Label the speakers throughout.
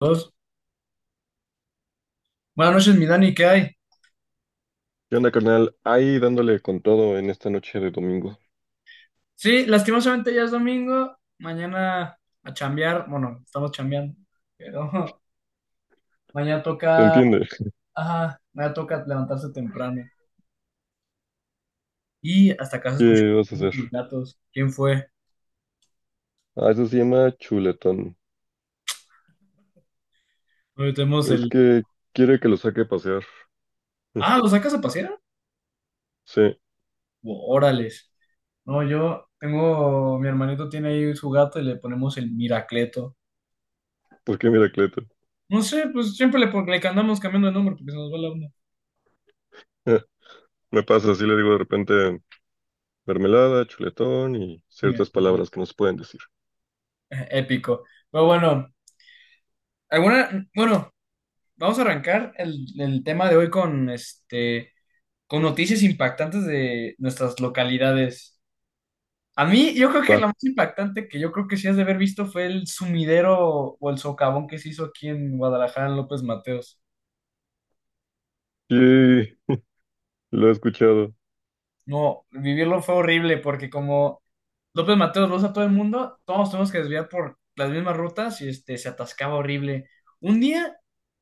Speaker 1: Dos. Buenas noches, mi Dani, ¿qué hay?
Speaker 2: ¿Qué onda, carnal? Ahí dándole con todo en esta noche de domingo.
Speaker 1: Sí, lastimosamente ya es domingo. Mañana a chambear. Bueno, estamos chambeando. Pero mañana
Speaker 2: ¿Te
Speaker 1: toca.
Speaker 2: entiende?
Speaker 1: Ajá, mañana toca levantarse temprano. Y hasta acá se escuchó
Speaker 2: ¿Qué vas a
Speaker 1: de
Speaker 2: hacer?
Speaker 1: tus gatos. ¿Quién fue?
Speaker 2: Ah, eso se llama chuletón.
Speaker 1: Hoy tenemos
Speaker 2: Es
Speaker 1: el.
Speaker 2: que quiere que lo saque a pasear.
Speaker 1: Ah, ¿lo sacas a pasear?
Speaker 2: Sí,
Speaker 1: Órales. No, yo tengo. Mi hermanito tiene ahí su gato y le ponemos el Miracleto.
Speaker 2: porque mira, Cleto.
Speaker 1: No sé, pues siempre le andamos cambiando de nombre porque se nos va la onda.
Speaker 2: Me pasa, así le digo de repente mermelada, chuletón y
Speaker 1: Mira,
Speaker 2: ciertas palabras que no se pueden decir.
Speaker 1: épico. Pero bueno, alguna. Bueno. Vamos a arrancar el tema de hoy con noticias impactantes de nuestras localidades. A mí, yo creo que
Speaker 2: Va.
Speaker 1: la más impactante que yo creo que sí has de haber visto fue el sumidero o el socavón que se hizo aquí en Guadalajara, en López Mateos.
Speaker 2: Sí, lo he escuchado.
Speaker 1: No, vivirlo fue horrible porque como López Mateos, vos a todo el mundo, todos tenemos que desviar por las mismas rutas y se atascaba horrible. Un día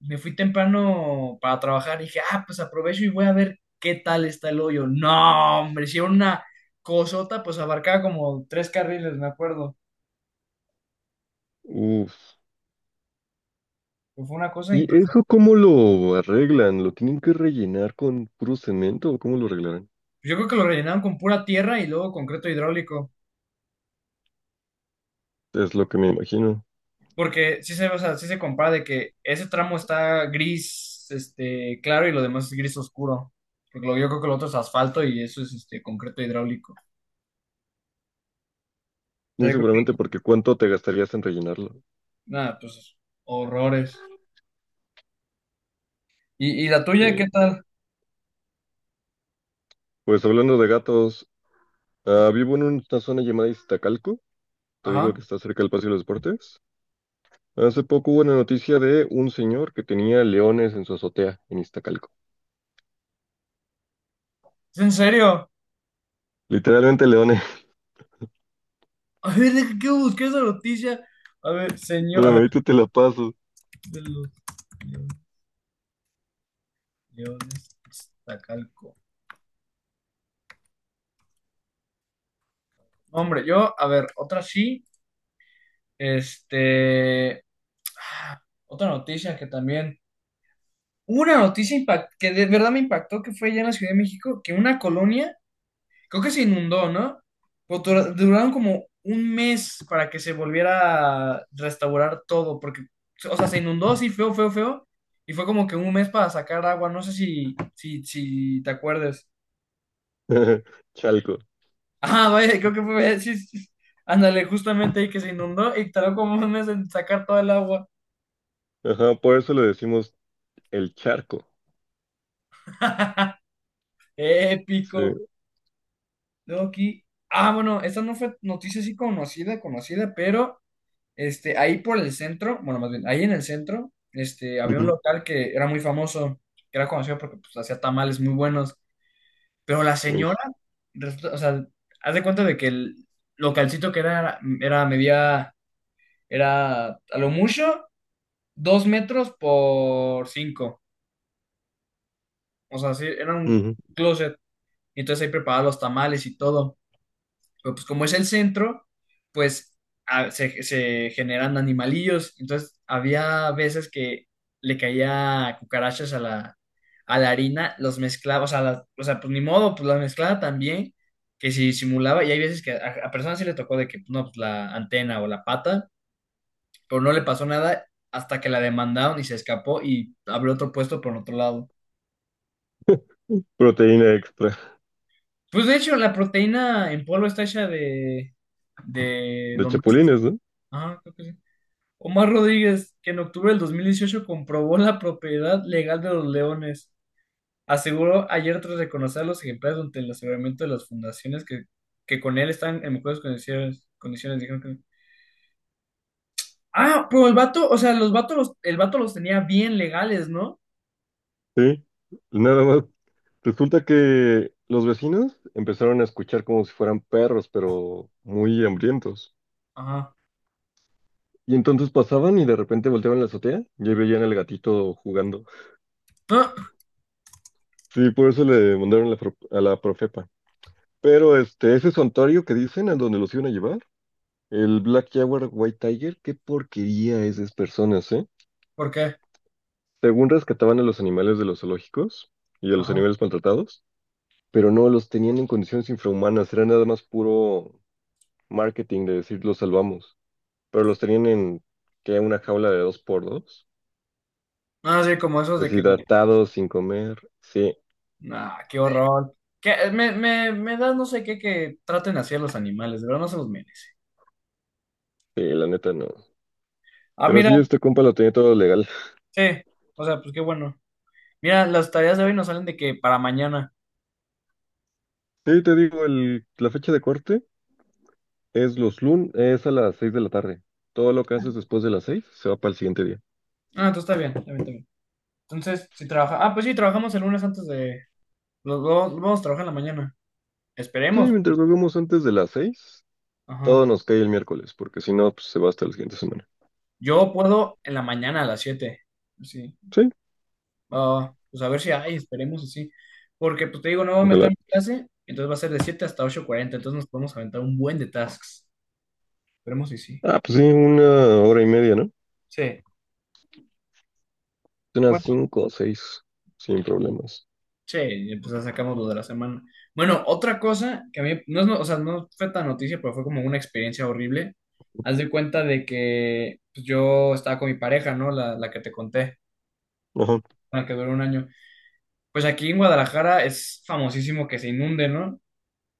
Speaker 1: me fui temprano para trabajar y dije, ah, pues aprovecho y voy a ver qué tal está el hoyo. No, hombre, hicieron una cosota, pues abarcaba como tres carriles, me acuerdo.
Speaker 2: Uf.
Speaker 1: Pues, fue una cosa
Speaker 2: ¿Y
Speaker 1: impresionante.
Speaker 2: eso cómo lo arreglan? ¿Lo tienen que rellenar con puro cemento o cómo lo arreglarán?
Speaker 1: Yo creo que lo rellenaron con pura tierra y luego concreto hidráulico.
Speaker 2: Es lo que me imagino.
Speaker 1: Porque sí se, o sea, sí se compara de que ese tramo está gris, claro, y lo demás es gris oscuro. Porque yo creo que lo otro es asfalto y eso es este concreto hidráulico. O sea,
Speaker 2: Muy
Speaker 1: yo creo
Speaker 2: seguramente
Speaker 1: que,
Speaker 2: porque ¿cuánto te gastarías en rellenarlo?
Speaker 1: nada, pues horrores. ¿Y la tuya qué
Speaker 2: Sí.
Speaker 1: tal?
Speaker 2: Pues hablando de gatos, ah, vivo en una zona llamada Iztacalco, te digo
Speaker 1: Ajá.
Speaker 2: que está cerca del Paseo de los Deportes. Hace poco hubo una noticia de un señor que tenía leones en su azotea en Iztacalco.
Speaker 1: ¿Es en serio?
Speaker 2: Literalmente leones,
Speaker 1: A ver, deja que busqué esa noticia. A ver, señor,
Speaker 2: pero
Speaker 1: a ver,
Speaker 2: ahorita te la paso.
Speaker 1: de los guiones Iztacalco. No, hombre, yo, a ver, otra sí, este, ah, otra noticia que también hubo. Una noticia que de verdad me impactó, que fue allá en la Ciudad de México, que una colonia, creo que se inundó, ¿no? Pero duraron como un mes para que se volviera a restaurar todo, porque, o sea, se inundó así feo, feo, feo, y fue como que un mes para sacar agua, no sé si te acuerdes.
Speaker 2: Chalco.
Speaker 1: Ah, vaya, creo que fue, sí, sí, sí. Ándale, justamente ahí que se inundó y tardó como un mes en sacar toda el agua.
Speaker 2: Ajá, por eso le decimos el charco.
Speaker 1: Épico.
Speaker 2: Sí.
Speaker 1: Luego aquí, bueno, esta no fue noticia así conocida, conocida, pero ahí por el centro, bueno, más bien, ahí en el centro, había un
Speaker 2: Ujú,
Speaker 1: local que era muy famoso, que era conocido porque pues, hacía tamales muy buenos, pero la señora, o sea, haz de cuenta de que el localcito que era, medía, era a lo mucho, dos metros por cinco, o sea, sí, era un
Speaker 2: ujú.
Speaker 1: closet, y entonces ahí preparaba los tamales y todo. Pero pues como es el centro, pues se generan animalillos. Entonces había veces que le caía cucarachas a la harina, los mezclaba, o sea, o sea, pues ni modo, pues las mezclaba también, que si simulaba, y hay veces que a personas sí le tocó de que, no, pues la antena o la pata, pero no le pasó nada hasta que la demandaron y se escapó y abrió otro puesto por otro lado.
Speaker 2: Proteína extra
Speaker 1: Pues de hecho, la proteína en polvo está hecha de
Speaker 2: de
Speaker 1: lombrices.
Speaker 2: chapulines, ¿no?
Speaker 1: Ah, creo que sí. Omar Rodríguez, que en octubre del 2018 comprobó la propiedad legal de los leones, aseguró ayer tras reconocer a los ejemplares durante el aseguramiento de las fundaciones que con él están en mejores condiciones. Condiciones dijeron no. Ah, pero el vato, o sea, los vatos, el vato los tenía bien legales, ¿no?
Speaker 2: Sí. Nada más. Resulta que los vecinos empezaron a escuchar como si fueran perros, pero muy hambrientos.
Speaker 1: Ajá.
Speaker 2: Y entonces pasaban y de repente volteaban la azotea y ahí veían al gatito jugando.
Speaker 1: Ah,
Speaker 2: Sí, por eso le mandaron la a la profepa. Pero este, ese santuario que dicen, a donde los iban a llevar, el Black Jaguar White Tiger, qué porquería es de esas personas, ¿eh?
Speaker 1: ¿por qué?
Speaker 2: Según rescataban a los animales de los zoológicos y a los
Speaker 1: Ajá.
Speaker 2: animales maltratados, pero no los tenían en condiciones infrahumanas, era nada más puro marketing de decir los salvamos. Pero los tenían en que una jaula de dos por dos,
Speaker 1: Ah, sí, como esos de que,
Speaker 2: deshidratados, sin comer. Sí,
Speaker 1: nah, qué horror. Que me da no sé qué que traten así a los animales, de verdad no se los merece.
Speaker 2: sí, la neta no.
Speaker 1: Ah,
Speaker 2: Pero
Speaker 1: mira,
Speaker 2: sí, este compa lo tenía todo legal.
Speaker 1: sí, o sea, pues qué bueno. Mira, las tareas de hoy nos salen de que para mañana.
Speaker 2: Sí, te digo, el, la fecha de corte es los lunes, es a las 6 de la tarde. Todo lo que haces después de las 6 se va para el siguiente día.
Speaker 1: Ah, entonces está bien, está bien, está bien. Entonces, si trabaja. Ah, pues sí, trabajamos el lunes antes de. Los dos vamos a trabajar en la mañana.
Speaker 2: Sí,
Speaker 1: Esperemos.
Speaker 2: mientras lo hagamos antes de las 6,
Speaker 1: Ajá.
Speaker 2: todo nos cae el miércoles, porque si no, pues se va hasta la siguiente semana.
Speaker 1: Yo puedo en la mañana a las 7. Sí.
Speaker 2: Sí,
Speaker 1: Ah, pues a ver si hay, esperemos así. Porque, pues te digo, no voy a meter
Speaker 2: ojalá.
Speaker 1: mi clase, entonces va a ser de 7 hasta 8:40. Entonces nos podemos aventar un buen de tasks. Esperemos si sí.
Speaker 2: Ah, pues sí, una hora y media, ¿no?
Speaker 1: Sí.
Speaker 2: Unas cinco o seis, sin problemas.
Speaker 1: Sí, pues ya sacamos lo de la semana. Bueno, otra cosa que a mí, no es, o sea, no fue tan noticia, pero fue como una experiencia horrible. Haz de cuenta de que pues, yo estaba con mi pareja, ¿no? La que te conté,
Speaker 2: Ajá,
Speaker 1: la que duró un año. Pues aquí en Guadalajara es famosísimo que se inunde, ¿no?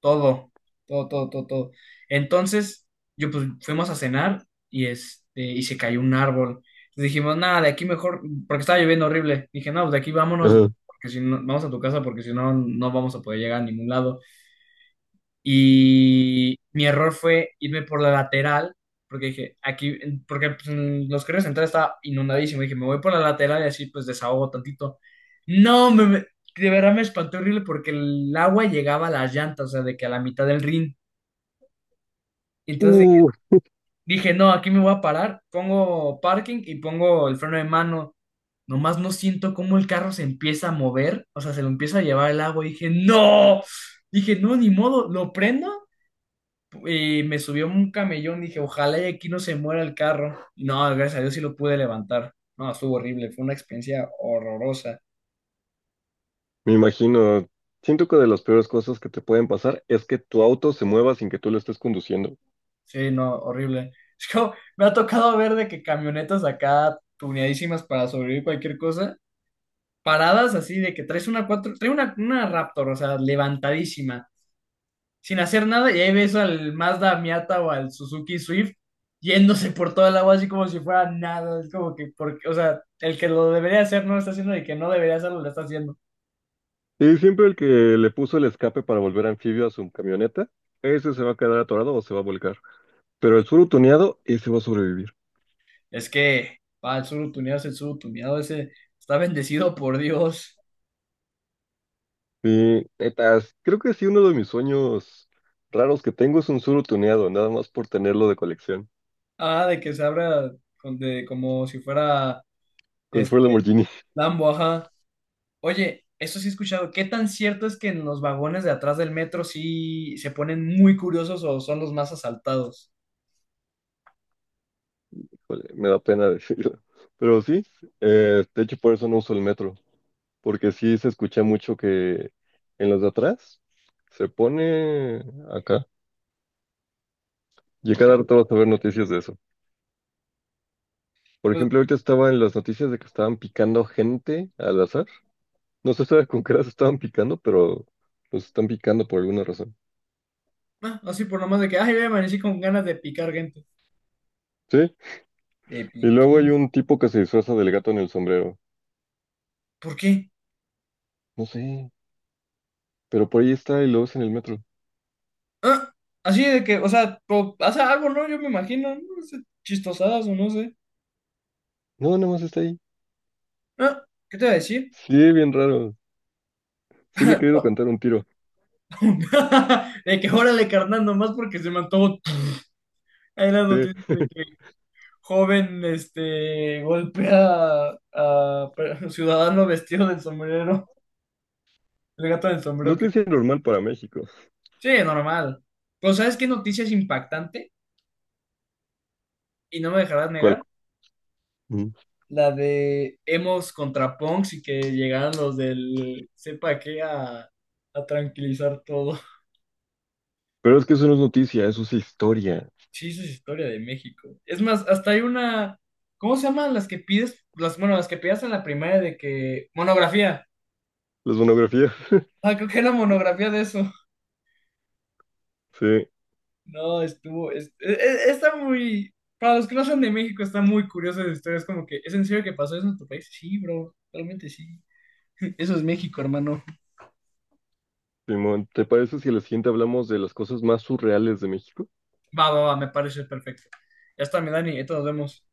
Speaker 1: Todo, todo, todo, todo, todo. Entonces, yo pues fuimos a cenar y y se cayó un árbol. Entonces dijimos, nada, de aquí mejor, porque estaba lloviendo horrible. Dije, no, pues de aquí vámonos,
Speaker 2: ajá.
Speaker 1: porque si no, vamos a tu casa, porque si no, no vamos a poder llegar a ningún lado. Y mi error fue irme por la lateral, porque dije, aquí, porque pues, en los carriles centrales estaba inundadísimo. Dije, me voy por la lateral y así pues desahogo tantito. No, de verdad me espanté horrible porque el agua llegaba a las llantas, o sea, de que a la mitad del ring. Entonces dije,
Speaker 2: Uh,
Speaker 1: dije, no, aquí me voy a parar, pongo parking y pongo el freno de mano. Nomás no siento cómo el carro se empieza a mover, o sea, se lo empieza a llevar el agua. Y dije, no, ni modo, lo prendo. Y me subió un camellón, dije, ojalá y aquí no se muera el carro. Y no, gracias a Dios sí lo pude levantar. No, estuvo horrible, fue una experiencia horrorosa.
Speaker 2: me imagino, siento que de las peores cosas que te pueden pasar es que tu auto se mueva sin que tú lo estés conduciendo.
Speaker 1: Sí, no, horrible. Es como, me ha tocado ver de que camionetas acá tuneadísimas para sobrevivir cualquier cosa, paradas así de que traes una cuatro, trae una Raptor, o sea, levantadísima, sin hacer nada, y ahí ves al Mazda Miata o al Suzuki Swift yéndose por toda el agua así como si fuera nada. Es como que, porque, o sea, el que lo debería hacer no lo está haciendo y el que no debería hacerlo lo está haciendo.
Speaker 2: Y siempre el que le puso el escape para volver anfibio a su camioneta, ese se va a quedar atorado o se va a volcar. Pero el surutoneado, ese va a sobrevivir.
Speaker 1: Es que, va, el surutuneado es el surutuneado, ese está bendecido por Dios.
Speaker 2: Y netas, creo que sí, uno de mis sueños raros que tengo es un surutoneado, nada más por tenerlo de colección.
Speaker 1: Ah, de que se abra como si fuera
Speaker 2: Con su
Speaker 1: este
Speaker 2: Lamborghini.
Speaker 1: Lambo, ajá. Oye, eso sí he escuchado. ¿Qué tan cierto es que en los vagones de atrás del metro sí se ponen muy curiosos o son los más asaltados?
Speaker 2: Híjole, me da pena decirlo. Pero sí, de hecho por eso no uso el metro. Porque sí se escucha mucho que en los de atrás se pone acá. Y cada rato vas a ver noticias de eso. Por
Speaker 1: Pues
Speaker 2: ejemplo, ahorita estaba en las noticias de que estaban picando gente al azar. No se sabe con qué las estaban picando, pero los están picando por alguna razón.
Speaker 1: ah, así por nomás de que, ay, voy a con ganas de picar gente.
Speaker 2: Sí,
Speaker 1: De
Speaker 2: y luego hay
Speaker 1: piquí.
Speaker 2: un tipo que se disfraza del gato en el sombrero.
Speaker 1: ¿Por qué?
Speaker 2: No sé, pero por ahí está y lo ves en el metro.
Speaker 1: Ah, así de que, o sea, hace algo, ¿no? Yo me imagino, no sé, chistosadas o no sé.
Speaker 2: No, nada más está ahí.
Speaker 1: Ah, ¿qué te voy a decir?
Speaker 2: Sí, bien raro. Sí le he querido cantar un tiro.
Speaker 1: De que órale, carnal, nomás porque se me antojó. Hay las noticias
Speaker 2: Sí,
Speaker 1: de que joven, golpea a ciudadano vestido del sombrero, el gato del sombrero que...
Speaker 2: noticia normal para México.
Speaker 1: Sí, normal. Pero ¿sabes qué noticia es impactante? Y no me dejarás
Speaker 2: ¿Cuál?
Speaker 1: negar. La de Hemos contra Punks y que llegaron los del sepa qué a tranquilizar todo.
Speaker 2: Pero es que eso no es noticia, eso es historia.
Speaker 1: Sí, esa es historia de México. Es más, hasta hay una, ¿cómo se llaman las que pides? Las, bueno, las que pedías en la primaria de que monografía.
Speaker 2: Las monografías.
Speaker 1: Ah, creo que era monografía de eso.
Speaker 2: Sí,
Speaker 1: No, estuvo, está muy, para los que no son de México, está muy curiosa esa historia. Es como que, ¿es en serio que pasó eso en tu país? Sí, bro, realmente sí. Eso es México, hermano.
Speaker 2: Simón, ¿te parece si a la siguiente hablamos de las cosas más surreales de México?
Speaker 1: Va, va, va, me parece perfecto. Ya está, mi Dani, entonces nos vemos.